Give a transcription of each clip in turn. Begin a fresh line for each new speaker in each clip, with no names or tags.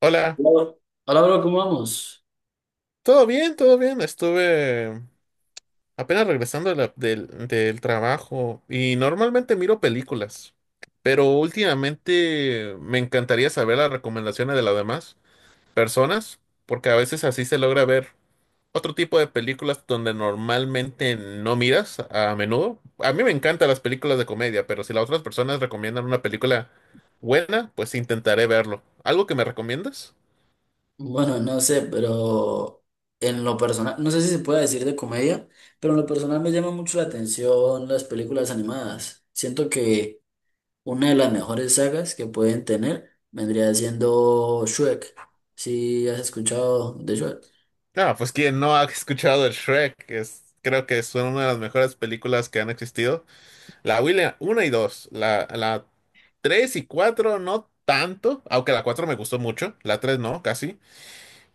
Hola,
Hola. Hola, bro, ¿cómo vamos?
¿todo bien? ¿Todo bien? Estuve apenas regresando de del trabajo y normalmente miro películas, pero últimamente me encantaría saber las recomendaciones de las demás personas, porque a veces así se logra ver otro tipo de películas donde normalmente no miras a menudo. A mí me encantan las películas de comedia, pero si las otras personas recomiendan una película buena, pues intentaré verlo. ¿Algo que me recomiendas?
Bueno, no sé, pero en lo personal, no sé si se puede decir de comedia, pero en lo personal me llama mucho la atención las películas animadas. Siento que una de las mejores sagas que pueden tener vendría siendo Shrek. ¿Si has escuchado de Shrek?
No, pues quien no ha escuchado el Shrek, es, creo que es una de las mejores películas que han existido. La William 1 y 2, la 3 y 4 no tanto, aunque la 4 me gustó mucho, la 3 no, casi.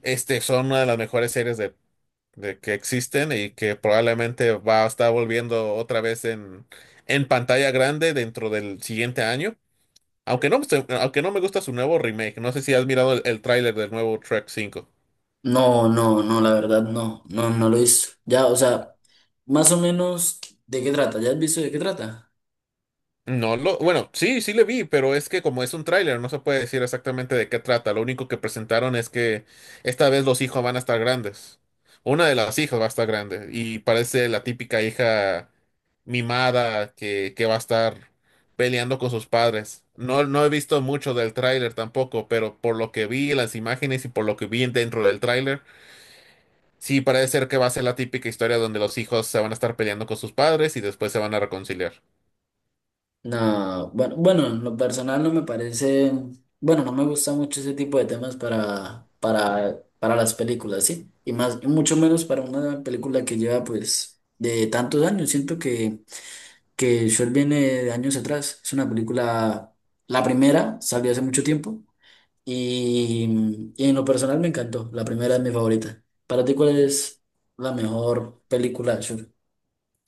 Este, son una de las mejores series de que existen y que probablemente va a estar volviendo otra vez en pantalla grande dentro del siguiente año. Aunque no, aunque no me gusta su nuevo remake, no sé si has mirado el tráiler del nuevo Shrek 5.
No, no, no, la verdad no, no, no lo hizo. Ya, o sea, más o menos, ¿de qué trata? ¿Ya has visto de qué trata?
No lo, bueno, sí, sí le vi, pero es que como es un tráiler, no se puede decir exactamente de qué trata. Lo único que presentaron es que esta vez los hijos van a estar grandes. Una de las hijas va a estar grande y parece la típica hija mimada que va a estar peleando con sus padres. No, no he visto mucho del tráiler tampoco, pero por lo que vi en las imágenes y por lo que vi dentro del tráiler, sí parece ser que va a ser la típica historia donde los hijos se van a estar peleando con sus padres y después se van a reconciliar.
No, bueno, bueno, en lo personal no me parece, bueno, no me gusta mucho ese tipo de temas para las películas, ¿sí? Y más, y mucho menos para una película que lleva pues de tantos años. Siento que Shrek viene de años atrás. Es una película, la primera salió hace mucho tiempo y en lo personal me encantó. La primera es mi favorita. ¿Para ti cuál es la mejor película de Shrek?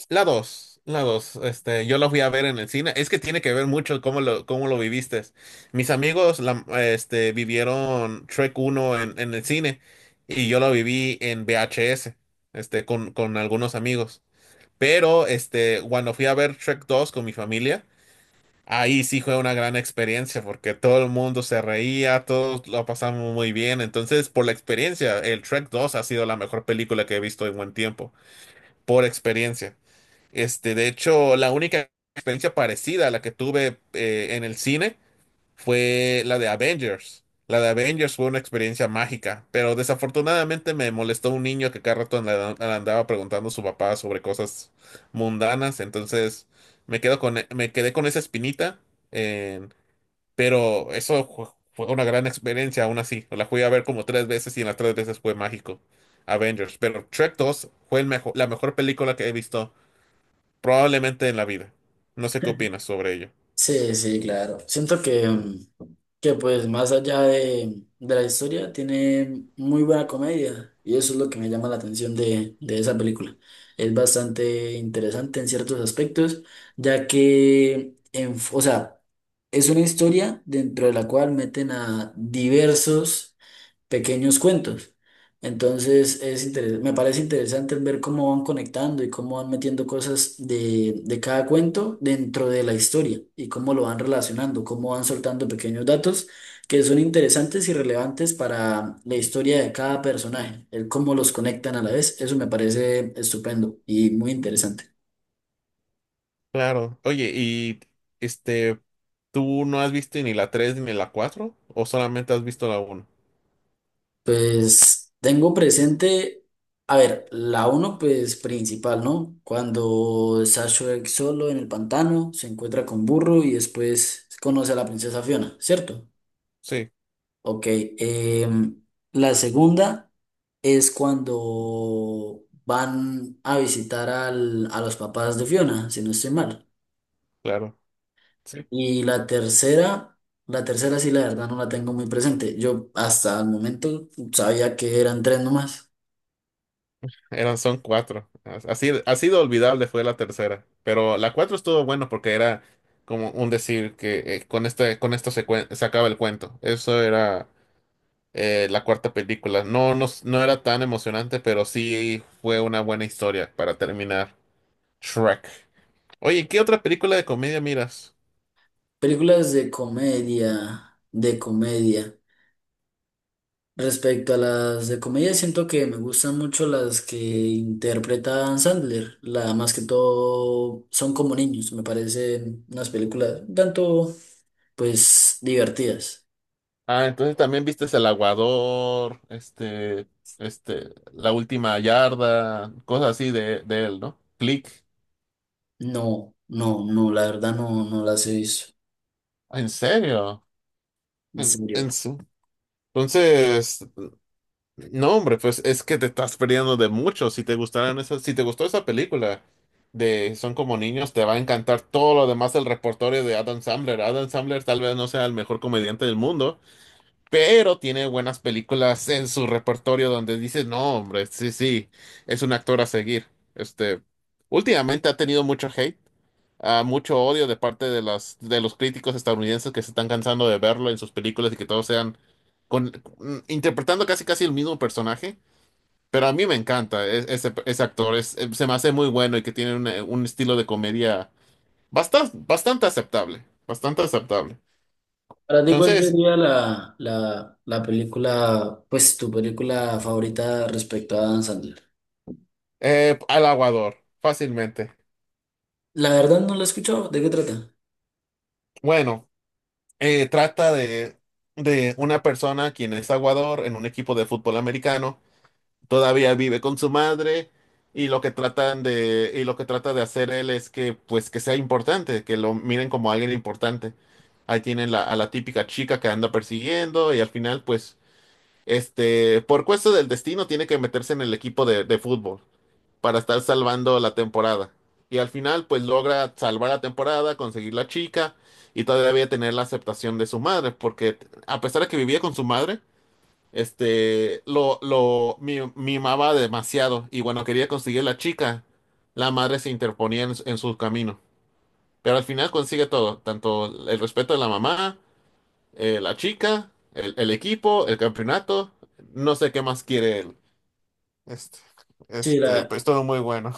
La dos, la dos. Este, yo la fui a ver en el cine. Es que tiene que ver mucho cómo lo viviste. Mis amigos la, este, vivieron Trek uno en el cine y yo lo viví en VHS, este, con algunos amigos. Pero este, cuando fui a ver Trek 2 con mi familia, ahí sí fue una gran experiencia porque todo el mundo se reía, todos lo pasamos muy bien. Entonces, por la experiencia, el Trek 2 ha sido la mejor película que he visto en buen tiempo, por experiencia. Este, de hecho, la única experiencia parecida a la que tuve en el cine fue la de Avengers. La de Avengers fue una experiencia mágica, pero desafortunadamente me molestó un niño que cada rato le andaba preguntando a su papá sobre cosas mundanas, entonces me quedé con esa espinita, en- pero eso fue una gran experiencia aún así. La fui a ver como tres veces y en las tres veces fue mágico. Avengers, pero Trek 2 fue la mejor película que he visto probablemente en la vida. No sé qué opinas sobre ello.
Sí, sí, claro. Siento que, que pues más allá de la historia tiene muy buena comedia y eso es lo que me llama la atención de esa película. Es bastante interesante en ciertos aspectos, ya que, en, o sea, es una historia dentro de la cual meten a diversos pequeños cuentos. Entonces me parece interesante ver cómo van conectando y cómo van metiendo cosas de cada cuento dentro de la historia y cómo lo van relacionando, cómo van soltando pequeños datos que son interesantes y relevantes para la historia de cada personaje, el cómo los conectan a la vez. Eso me parece estupendo y muy interesante.
Claro. Oye, y este, ¿tú no has visto ni la 3 ni la cuatro? ¿O solamente has visto la uno?
Pues tengo presente, a ver, la uno pues principal, ¿no? Cuando Sashue solo en el pantano se encuentra con Burro y después conoce a la princesa Fiona, ¿cierto?
Sí,
Ok, em, la segunda es cuando van a visitar a los papás de Fiona, si no estoy mal.
claro. Sí.
Y la tercera sí la verdad no la tengo muy presente. Yo hasta el momento sabía que eran tres nomás.
Eran, son cuatro. Así, así de olvidable fue la tercera. Pero la 4 estuvo bueno porque era como un decir que con este, con esto se, se acaba el cuento. Eso era la cuarta película. No, no, no era tan emocionante, pero sí fue una buena historia para terminar Shrek. Oye, ¿qué otra película de comedia miras?
Películas de comedia, de comedia. Respecto a las de comedia, siento que me gustan mucho las que interpreta Adam Sandler. La más que todo son como niños, me parecen unas películas un tanto, pues, divertidas.
Ah, entonces también viste El Aguador, La Última Yarda, cosas así de él, ¿no? Click.
No, no, no, la verdad no, no las he visto.
¿En serio?
En
En,
serio.
en su- Entonces, no, hombre, pues es que te estás perdiendo de mucho. Si te gustaran esas, si te gustó esa película de Son como niños, te va a encantar todo lo demás del repertorio de Adam Sandler. Adam Sandler tal vez no sea el mejor comediante del mundo, pero tiene buenas películas en su repertorio donde dices no, hombre, sí, sí, es un actor a seguir. Este, últimamente ha tenido mucho hate, ah, mucho odio de parte de de los críticos estadounidenses que se están cansando de verlo en sus películas y que todos sean con, mm, interpretando casi casi el mismo personaje. Pero a mí me encanta ese actor, es, se me hace muy bueno y que tiene un estilo de comedia bastante, bastante aceptable, bastante aceptable.
Para ti, ¿cuál
Entonces,
sería la película, pues, tu película favorita respecto a Adam Sandler?
al aguador, fácilmente.
La verdad no la he escuchado. ¿De qué trata?
Bueno, trata de una persona quien es aguador en un equipo de fútbol americano, todavía vive con su madre y lo que tratan de, y lo que trata de hacer él es que, pues, que sea importante, que lo miren como alguien importante. Ahí tienen a la típica chica que anda persiguiendo y al final, pues, este, por cuesta del destino tiene que meterse en el equipo de fútbol para estar salvando la temporada. Y al final, pues logra salvar la temporada, conseguir la chica y todavía tener la aceptación de su madre, porque a pesar de que vivía con su madre, este, mimaba demasiado y bueno, quería conseguir la chica, la madre se interponía en su camino. Pero al final consigue todo, tanto el respeto de la mamá, la chica, el equipo, el campeonato, no sé qué más quiere él. Este,
Sí, la,
pues todo muy bueno.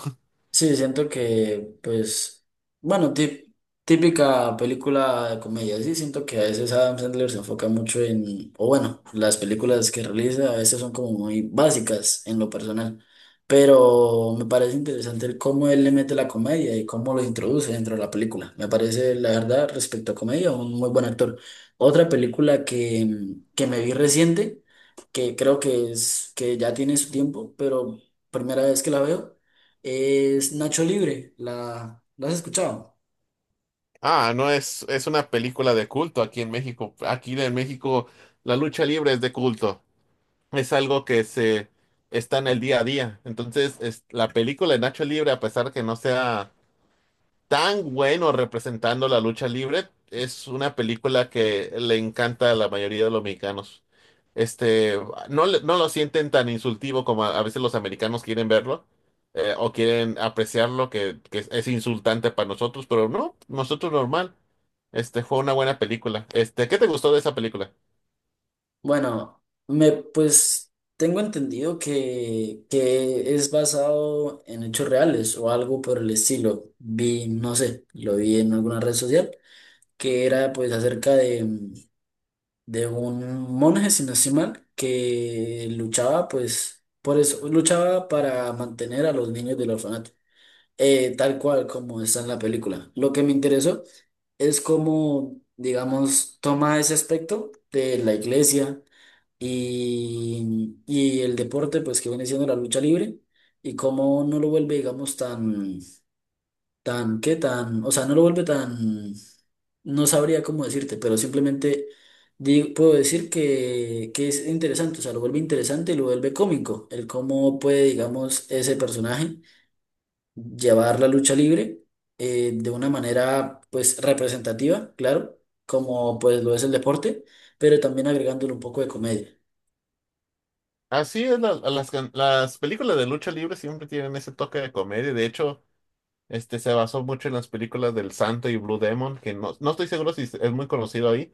Sí, siento que, pues, bueno, típica película de comedia, sí, siento que a veces Adam Sandler se enfoca mucho en, o bueno, las películas que realiza a veces son como muy básicas en lo personal, pero me parece interesante el cómo él le mete la comedia y cómo lo introduce dentro de la película. Me parece, la verdad, respecto a comedia, un muy buen actor. Otra película que, que me vi reciente, que creo que es, que ya tiene su tiempo, pero primera vez que la veo es Nacho Libre, la has escuchado?
Ah, no es, es una película de culto aquí en México. Aquí en México la lucha libre es de culto. Es algo que se está en el día a día. Entonces, es, la película de Nacho Libre, a pesar que no sea tan bueno representando la lucha libre, es una película que le encanta a la mayoría de los mexicanos. Este, no, no lo sienten tan insultivo como a veces los americanos quieren verlo o quieren apreciarlo, que es insultante para nosotros, pero no, nosotros normal. Este, fue una buena película. Este, ¿qué te gustó de esa película?
Bueno, pues tengo entendido que es basado en hechos reales o algo por el estilo. Vi, no sé, lo vi en alguna red social, que era pues acerca de, de un monje, si no estoy mal, que luchaba pues, por eso, luchaba para mantener a los niños del orfanato. Tal cual como está en la película. Lo que me interesó es cómo, digamos, toma ese aspecto de la iglesia y el deporte, pues que viene siendo la lucha libre, y cómo no lo vuelve, digamos, tan, tan, ¿qué tan? O sea, no lo vuelve tan, no sabría cómo decirte, pero simplemente puedo decir que es interesante, o sea, lo vuelve interesante y lo vuelve cómico, el cómo puede, digamos, ese personaje llevar la lucha libre de una manera pues representativa, claro, como pues lo es el deporte, pero también agregándole un poco de comedia.
Así es, las películas de lucha libre siempre tienen ese toque de comedia. De hecho, este se basó mucho en las películas del Santo y Blue Demon, que no, no estoy seguro si es muy conocido ahí.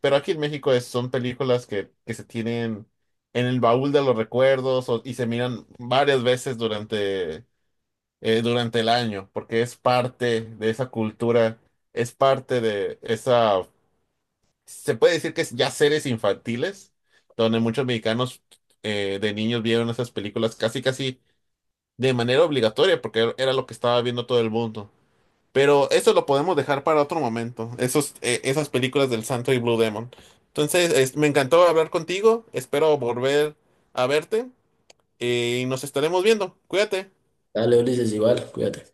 Pero aquí en México son películas que se tienen en el baúl de los recuerdos y se miran varias veces durante, durante el año, porque es parte de esa cultura, es parte de esa, se puede decir que es ya series infantiles, donde muchos mexicanos de niños vieron esas películas casi casi de manera obligatoria, porque era lo que estaba viendo todo el mundo. Pero eso lo podemos dejar para otro momento, esos, esas películas del Santo y Blue Demon. Entonces, me encantó hablar contigo, espero volver a verte y nos estaremos viendo. Cuídate.
Dale, Ulises, igual, cuídate.